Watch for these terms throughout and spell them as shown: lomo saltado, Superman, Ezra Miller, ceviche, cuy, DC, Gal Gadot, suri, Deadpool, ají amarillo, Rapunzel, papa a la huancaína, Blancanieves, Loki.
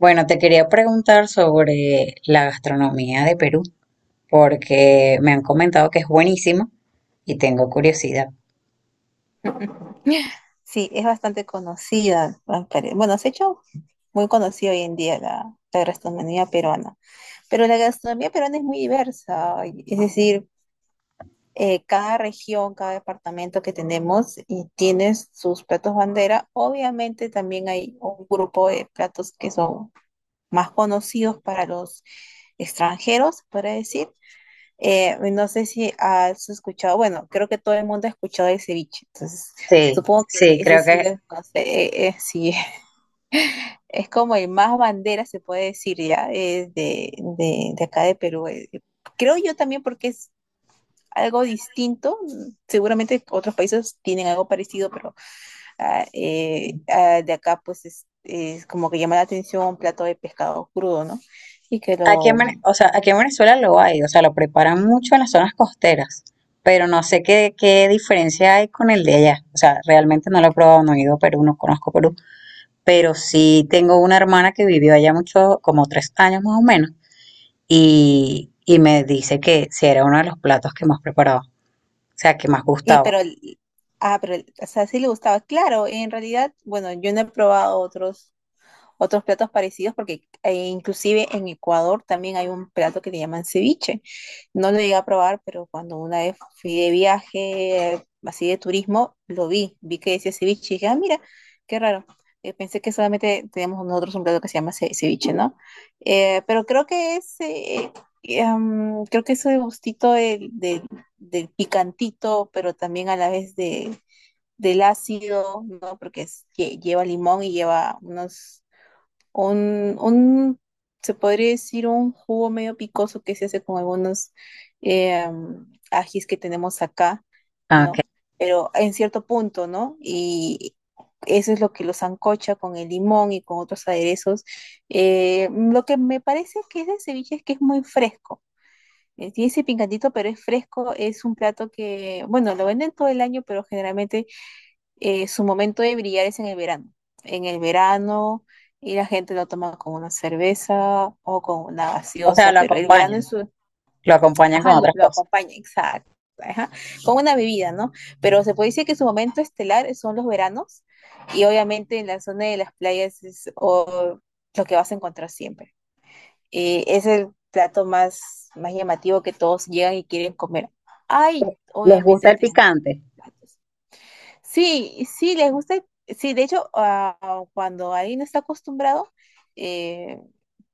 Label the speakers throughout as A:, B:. A: Bueno, te quería preguntar sobre la gastronomía de Perú, porque me han comentado que es buenísima y tengo curiosidad.
B: Sí, es bastante conocida. Bueno, se ha hecho muy conocida hoy en día la gastronomía peruana. Pero la gastronomía peruana es muy diversa. Es decir, cada región, cada departamento que tenemos y tiene sus platos bandera. Obviamente también hay un grupo de platos que son más conocidos para los extranjeros, para decir, no sé si has escuchado, bueno, creo que todo el mundo ha escuchado el ceviche. Entonces
A: Sí,
B: supongo que
A: sí,
B: ese
A: creo
B: sí
A: que
B: lo conoce, sí. Es como el más bandera, se puede decir ya, es de acá de Perú. Creo yo también porque es algo distinto, seguramente otros países tienen algo parecido, pero de acá pues es como que llama la atención un plato de pescado crudo, ¿no? Y que
A: aquí
B: lo,
A: o sea, aquí en Venezuela lo hay, o sea, lo preparan mucho en las zonas costeras, pero no sé qué diferencia hay con el de allá. O sea, realmente no lo he probado, no he ido a Perú, no conozco Perú, pero sí tengo una hermana que vivió allá mucho, como tres años más o menos, y me dice que sí era uno de los platos que más preparaba. O sea, que más
B: Y
A: gustaba.
B: pero, el- O sea, sí le gustaba. Claro, en realidad, bueno, yo no he probado otros platos parecidos, porque inclusive en Ecuador también hay un plato que le llaman ceviche. No lo llegué a probar, pero cuando una vez fui de viaje, así de turismo, lo vi, vi que decía ceviche y dije, ah, mira, qué raro. Pensé que solamente teníamos nosotros un plato que se llama ceviche, ¿no? Pero creo que es, creo que ese gustito del picantito, pero también a la vez de, del ácido, ¿no? Porque lleva limón y lleva un, un, se podría decir un jugo medio picoso que se hace con algunos ajís que tenemos acá,
A: Ah, ok.
B: ¿no? Pero en cierto punto, ¿no? Y eso es lo que los ancocha con el limón y con otros aderezos. Lo que me parece que es de ceviche es que es muy fresco. Tiene ese picantito, pero es fresco. Es un plato que, bueno, lo venden todo el año, pero generalmente su momento de brillar es en el verano. En el verano, y la gente lo toma con una cerveza o con una
A: O sea,
B: gaseosa, pero el verano es su,
A: lo acompañan con
B: ajá, lo,
A: otras
B: lo
A: cosas.
B: acompaña, exacto, ajá, con una bebida, ¿no? Pero se puede decir que su momento estelar son los veranos, y obviamente en la zona de las playas es lo que vas a encontrar siempre. Es el plato más, más llamativo que todos llegan y quieren comer. Ay,
A: ¿Les gusta
B: obviamente
A: el
B: tenemos
A: picante?
B: platos. Sí, sí, les gusta. Sí, de hecho, cuando alguien no está acostumbrado, eh,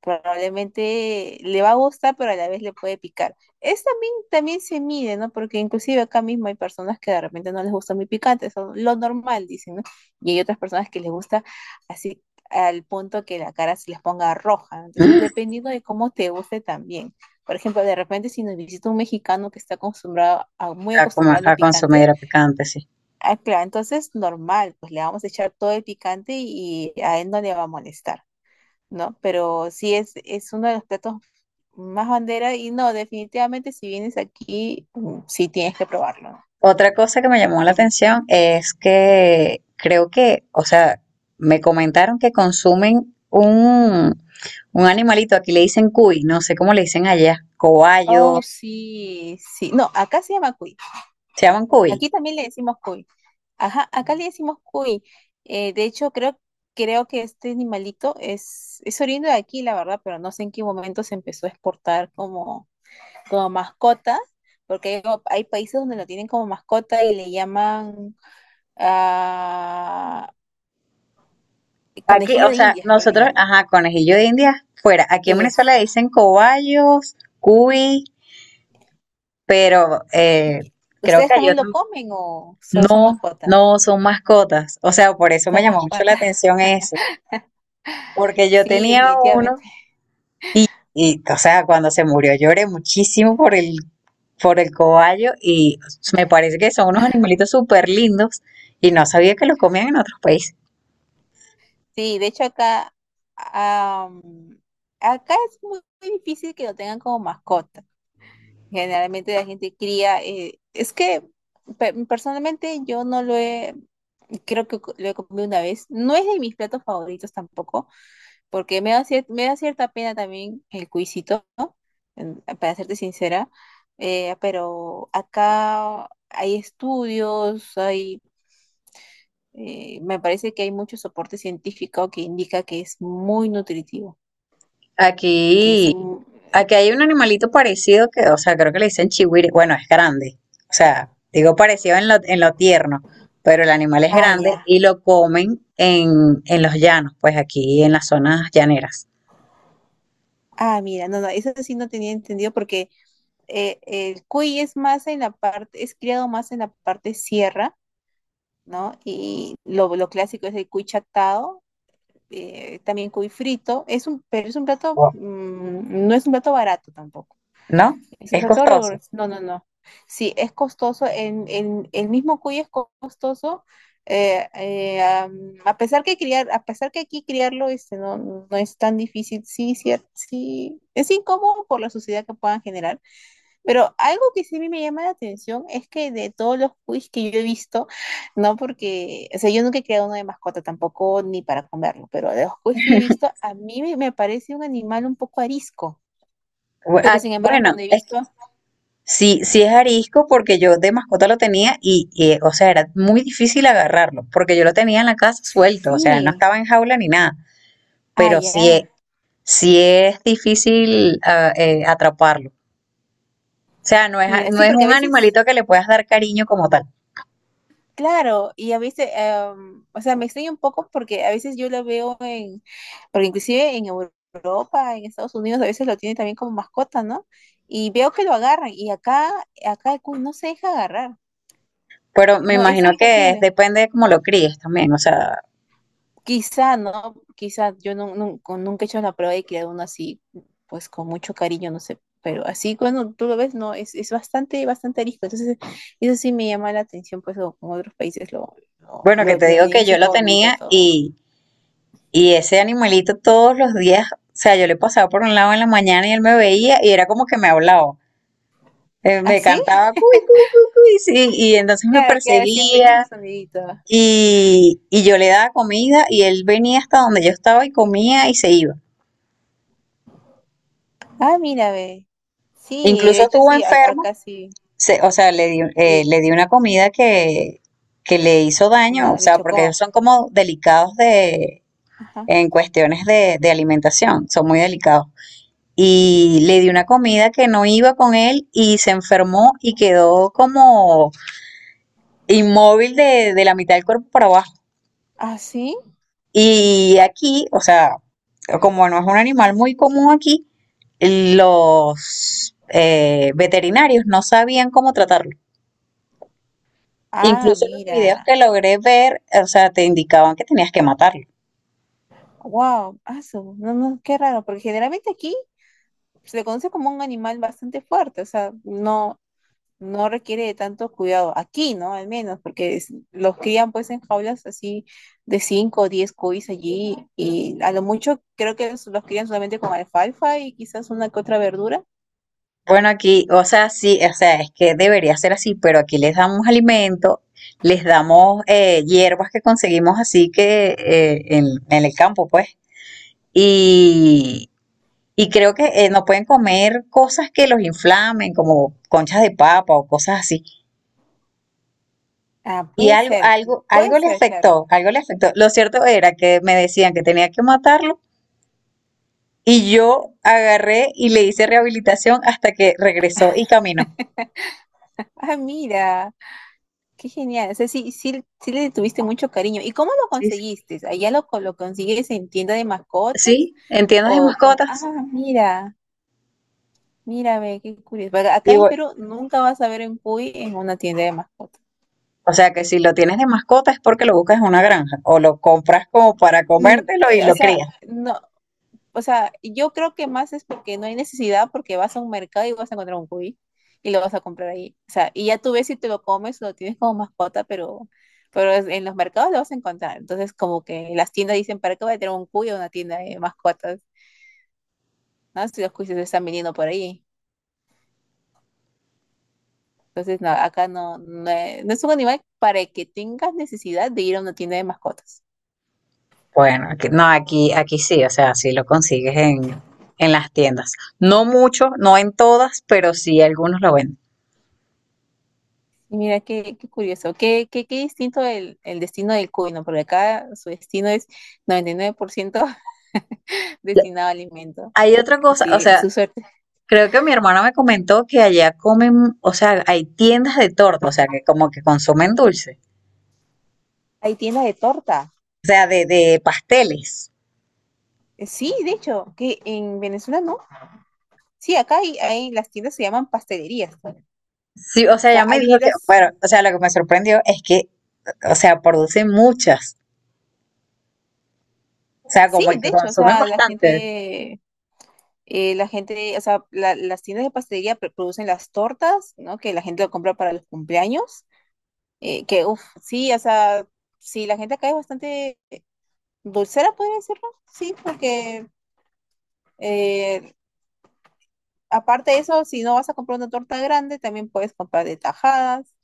B: probablemente le va a gustar, pero a la vez le puede picar. Es también, también se mide, ¿no? Porque inclusive acá mismo hay personas que de repente no les gusta muy picante, son lo normal, dicen, ¿no? Y hay otras personas que les gusta así al punto que la cara se les ponga roja, ¿no? Entonces, dependiendo de cómo te guste también. Por ejemplo, de repente si nos visita un mexicano que está acostumbrado a, muy
A: Mm.
B: acostumbrado a lo
A: A consumir
B: picante,
A: a picante, sí.
B: ah, claro, entonces normal, pues le vamos a echar todo el picante y a él no le va a molestar, ¿no? Pero sí es uno de los platos más bandera y no, definitivamente si vienes aquí, sí tienes que probarlo, ¿no?
A: Otra cosa que me llamó
B: Sí.
A: la atención es que creo que, o sea, me comentaron que consumen un animalito, aquí le dicen cuy, no sé cómo le dicen allá,
B: Oh,
A: cobayos,
B: sí, sí. No, acá se llama cuy.
A: se llaman cuy.
B: Aquí también le decimos cuy. Ajá, acá le decimos cuy. De hecho, creo que este animalito es oriundo de aquí, la verdad, pero no sé en qué momento se empezó a exportar como mascota, porque hay, como- hay países donde lo tienen como mascota y le llaman ah,
A: Aquí,
B: conejillo
A: o
B: de
A: sea,
B: indias, creo que le
A: nosotros,
B: llaman.
A: ajá, conejillo de India, fuera, aquí en Venezuela
B: Eso.
A: dicen cobayos, cuy, pero
B: Y-
A: creo
B: ¿Ustedes
A: que hay
B: también lo
A: otros.
B: comen o solo son
A: No,
B: mascotas?
A: no son mascotas. O sea, por eso me
B: Son
A: llamó mucho
B: mascotas.
A: la atención eso. Porque yo
B: Sí,
A: tenía uno
B: definitivamente.
A: y, o sea, cuando se murió lloré muchísimo por el cobayo y me parece que son unos animalitos súper lindos y no sabía que los comían en otros países.
B: Sí, de hecho acá, am, acá es muy, muy difícil que lo tengan como mascota. Generalmente la gente cría, es que personalmente yo no lo he, creo que lo he comido una vez. No es de mis platos favoritos tampoco, porque me da cierta pena también el cuisito, ¿no? En- Para serte sincera, pero acá hay estudios, me parece que hay mucho soporte científico que indica que es muy nutritivo, que es,
A: Aquí,
B: mu-
A: aquí hay un animalito parecido que, o sea, creo que le dicen chihuire. Bueno, es grande. O sea, digo parecido en lo tierno, pero el animal es
B: ah,
A: grande
B: ya,
A: y lo comen en los llanos, pues aquí en las zonas llaneras.
B: mira, no, no, eso sí no tenía entendido porque... el cuy es criado más en la parte sierra, ¿no? Y lo clásico es el cuy chatado, también cuy frito. Es un plato,
A: Wow.
B: no es un plato barato tampoco.
A: ¿No?
B: Es un
A: Es
B: plato,
A: costoso.
B: rigor- No, no, no, sí, es costoso. El mismo cuy es costoso, a pesar que aquí criarlo, este, no, no es tan difícil. Sí, sí, es incómodo por la suciedad que puedan generar, pero algo que sí a mí me llama la atención es que de todos los quiz que yo he visto, no porque, o sea, yo nunca he creado uno de mascota tampoco, ni para comerlo, pero de los quiz que he visto, a mí me, me parece un animal un poco arisco. Pero sin embargo,
A: Bueno,
B: cuando he
A: es que
B: visto,
A: sí, sí es arisco porque yo de mascota lo tenía o sea, era muy difícil agarrarlo porque yo lo tenía en la casa suelto, o sea, él no
B: sí,
A: estaba en jaula ni nada, pero sí,
B: ya.
A: sí es difícil atraparlo. O sea,
B: Mira,
A: no
B: sí,
A: es
B: porque a
A: un
B: veces
A: animalito que le puedas dar cariño como tal.
B: claro. Y a veces, o sea, me extraña un poco porque a veces yo la veo en, porque inclusive en Europa, en Estados Unidos, a veces lo tienen también como mascota, ¿no? Y veo que lo agarran y acá, acá el cuy no se deja agarrar,
A: Pero me
B: no, es
A: imagino que es-
B: imposible.
A: depende de cómo lo críes también. O sea,
B: Quizá, ¿no? Quizá yo nunca he hecho la prueba de criar uno así, pues con mucho cariño, no sé, pero así cuando tú lo ves, no, es bastante, bastante arisco. Entonces, eso sí me llama la atención, pues como otros países lo, lo,
A: bueno, que
B: lo-
A: te
B: lo
A: digo
B: tienen
A: que
B: en su
A: yo lo
B: jaulita,
A: tenía
B: todo.
A: y ese animalito todos los días, o sea, yo le pasaba por un lado en la mañana y él me veía y era como que me hablaba. Me
B: ¿Así?
A: cantaba cuy, cuy, cuy, cuy, sí, y entonces me
B: Claro, claro, siempre
A: perseguía
B: hizo su sonidito.
A: y yo le daba comida y él venía hasta donde yo estaba y comía y se iba.
B: Ah, mira, ve. Sí,
A: Incluso
B: de hecho
A: estuvo
B: sí,
A: enfermo
B: acá sí.
A: se- o sea,
B: Y
A: le di una comida que le hizo daño, o
B: no, le
A: sea, porque ellos
B: chocó.
A: son como delicados de,
B: Ajá.
A: en cuestiones de alimentación, son muy delicados. Y le di una comida que no iba con él y se enfermó y quedó como inmóvil de la mitad del cuerpo para abajo.
B: ¿Ah, sí?
A: Y aquí, o sea, como no es un animal muy común aquí, los veterinarios no sabían cómo tratarlo.
B: Ah,
A: Incluso los videos
B: mira.
A: que logré ver, o sea, te indicaban que tenías que matarlo.
B: Wow, aso. No, no, qué raro, porque generalmente aquí se le conoce como un animal bastante fuerte, o sea, no, no requiere de tanto cuidado. Aquí, ¿no? Al menos, porque los crían pues en jaulas así de 5, o 10 cuis allí y a lo mucho creo que los crían solamente con alfalfa y quizás una que otra verdura.
A: Bueno, aquí, o sea, sí, o sea, es que debería ser así, pero aquí les damos alimento, les damos hierbas que conseguimos así que en el campo, pues. Y, y creo que no pueden comer cosas que los inflamen, como conchas de papa o cosas así.
B: Ah,
A: Y
B: puede
A: algo le
B: ser, claro.
A: afectó, algo le afectó. Lo cierto era que me decían que tenía que matarlo. Y yo agarré y le hice rehabilitación hasta que regresó y caminó.
B: Ah, mira, qué genial. O sea, sí, sí, sí le tuviste mucho cariño. ¿Y cómo lo
A: Sí, sí.
B: conseguiste? ¿Allá lo, lo consigues en tienda de mascotas?
A: ¿Sí? ¿Entiendes de
B: O como, ah,
A: mascotas?
B: mira, mira, ve, qué curioso. Porque
A: Y
B: acá en
A: bu-
B: Perú nunca vas a ver un Puy en una tienda de mascotas.
A: o sea que si lo tienes de mascota es porque lo buscas en una granja o lo compras como para comértelo y
B: O
A: lo
B: sea,
A: crías.
B: no, o sea, yo creo que más es porque no hay necesidad, porque vas a un mercado y vas a encontrar un cuy y lo vas a comprar ahí. O sea, y ya tú ves si te lo comes, lo tienes como mascota, pero en los mercados lo vas a encontrar. Entonces, como que las tiendas dicen, ¿para qué voy a tener un cuy o una tienda de mascotas? ¿No? Si los cuyes se están vendiendo por ahí. Entonces, no, acá no, no, es, no es un animal para el que tengas necesidad de ir a una tienda de mascotas.
A: Bueno, aquí- no, aquí, aquí sí, o sea, sí lo consigues en las tiendas. No mucho, no en todas, pero sí algunos lo venden.
B: Y mira, qué, qué curioso, qué, qué, qué distinto el destino del cuy, ¿no? Porque acá su destino es 99%
A: Ya.
B: destinado a alimento.
A: Hay otra cosa, o
B: Sí,
A: sea,
B: su suerte.
A: creo que mi hermana me comentó que allá comen, o sea, hay tiendas de torta, o sea, que como que consumen dulce.
B: Hay tienda de torta.
A: O sea, de pasteles.
B: Sí, de hecho, que en Venezuela no. Sí, acá hay, las tiendas se llaman pastelerías. O
A: Sí, o sea,
B: sea,
A: ella me
B: hay
A: dijo que,
B: tiendas.
A: bueno, o sea, lo que me sorprendió es que, o sea, producen muchas, o sea,
B: Sí,
A: como
B: de
A: que
B: hecho, o
A: consumen
B: sea,
A: bastante.
B: la gente, o sea, las tiendas de pastelería producen las tortas, ¿no? Que la gente lo compra para los cumpleaños. Que, uff, sí, o sea, sí, la gente acá es bastante dulcera, podría decirlo. Sí, porque eh, aparte de eso, si no vas a comprar una torta grande, también puedes comprar de tajadas.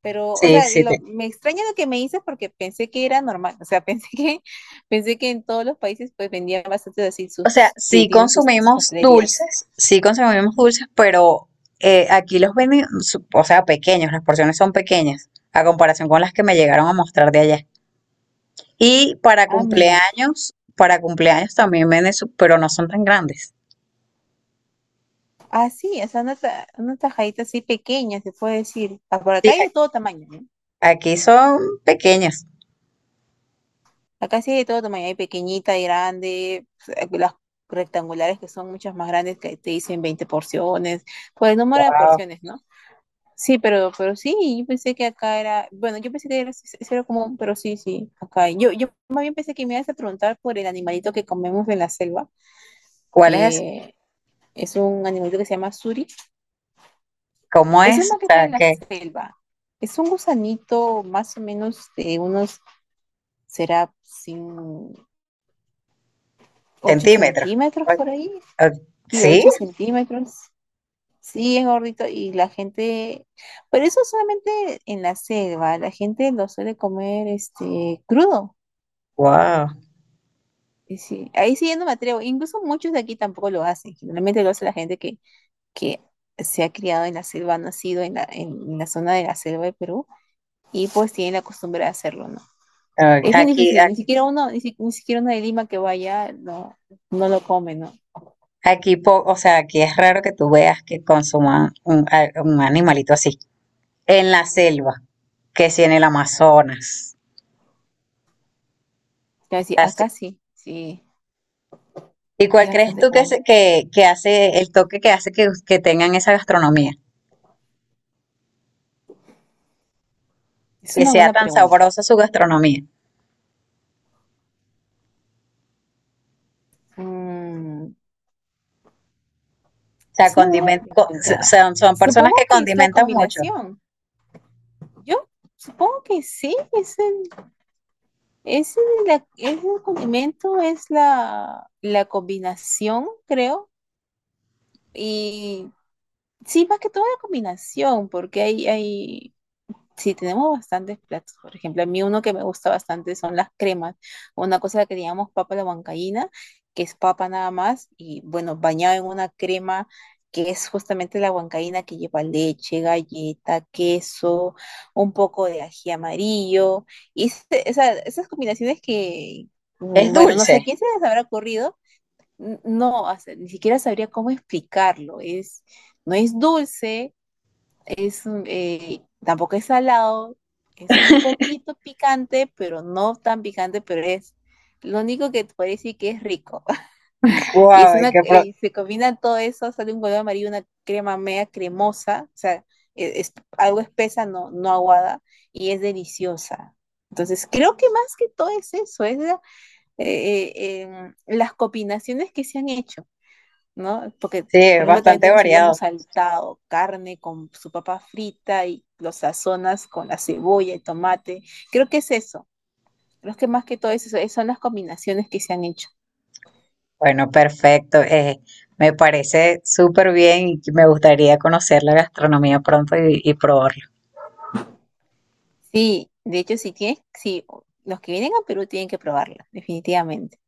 B: Pero, o
A: Sí,
B: sea,
A: sí, sí.
B: me extraña lo que me dices porque pensé que era normal. O sea, pensé que en todos los países pues vendían bastante así
A: O sea,
B: sus, ti- tienen sus, sus pastelerías.
A: sí consumimos dulces, pero aquí los venden, su- o sea, pequeños, las porciones son pequeñas, a comparación con las que me llegaron a mostrar de allá. Y
B: Ah, mira.
A: para cumpleaños también venden, su- pero no son tan grandes.
B: Ah, sí, o sea, una, una tajadita así pequeña, se puede decir. Ah, por acá
A: Sí,
B: hay de todo tamaño, ¿no?
A: aquí son pequeñas.
B: Acá sí hay de todo tamaño. Hay pequeñita, hay grande, pues, las rectangulares que son muchas más grandes que te dicen 20 porciones, por el número de
A: Wow.
B: porciones, ¿no? Sí, pero sí, yo pensé que acá era, bueno, yo pensé que era, sí, sí, sí era común, pero sí, sí, acá hay. Yo más bien pensé que me ibas a preguntar por el animalito que comemos en la selva,
A: ¿Cuál es?
B: que es un animalito que se llama suri.
A: ¿Cómo
B: Eso es
A: es? O
B: más que todo
A: sea,
B: en la
A: ¿qué?
B: selva. Es un gusanito más o menos de unos, será sin ocho
A: Centímetros.
B: centímetros
A: O-
B: por ahí,
A: o-
B: sí,
A: Sí,
B: 8 centímetros. Sí, es gordito y la gente, pero eso solamente en la selva, la gente lo suele comer este crudo.
A: wow.
B: Y sí, ahí sí yo no me atrevo. Incluso muchos de aquí tampoco lo hacen. Generalmente lo hace la gente que, que se ha criado en la selva, ha nacido en la, zona de la selva de Perú y pues tiene la costumbre de hacerlo, ¿no?
A: Ah,
B: Es bien
A: Aquí,
B: difícil, ni
A: aquí,
B: siquiera uno, ni siquiera uno de Lima que vaya no, no lo come, ¿no?
A: aquí, po- o sea, aquí es raro que tú veas que consuman un animalito así. En la selva, que si en el Amazonas.
B: Ya decir,
A: Así.
B: acá sí, sí,
A: ¿Y
B: es
A: cuál crees
B: bastante
A: tú que,
B: común.
A: se- que hace el toque que hace que tengan esa gastronomía?
B: Es
A: Que
B: una
A: sea
B: buena
A: tan
B: pregunta.
A: sabrosa su gastronomía.
B: Mm,
A: O sea,
B: es una buena
A: condimen- co- s-
B: pregunta.
A: son, son personas que
B: Supongo que es la
A: condimentan mucho.
B: combinación. Yo supongo que sí, Es es el condimento, es la, la combinación, creo. Y sí, más que todo la combinación, porque hay sí, tenemos bastantes platos. Por ejemplo, a mí uno que me gusta bastante son las cremas. Una cosa la que llamamos papa a la huancaína, que es papa nada más, y bueno, bañada en una crema que es justamente la huancaína que lleva leche, galleta, queso, un poco de ají amarillo. Y esas combinaciones que,
A: Es
B: mm, bueno, no sé
A: dulce.
B: a quién se les habrá ocurrido. No, o sea, ni siquiera sabría cómo explicarlo. Es, no es dulce, tampoco es salado, es un poquito picante, pero no tan picante, pero es lo único que te puede decir que es rico. Y
A: Wow,
B: es una,
A: qué pro-
B: y se combina todo eso, sale un color amarillo, una crema media cremosa, o sea, es, algo espesa, no, no aguada, y es deliciosa. Entonces, creo que más que todo es eso, es eh, las combinaciones que se han hecho, ¿no? Porque,
A: sí, es
B: por ejemplo, también
A: bastante
B: tenemos el lomo
A: variado.
B: saltado, carne con su papa frita y los sazonas con la cebolla y tomate. Creo que es eso. Creo que más que todo es eso, son las combinaciones que se han hecho.
A: Bueno, perfecto. Me parece súper bien y me gustaría conocer la gastronomía pronto y probarla.
B: Sí, de hecho, si tienes, si los que vienen a Perú tienen que probarla, definitivamente.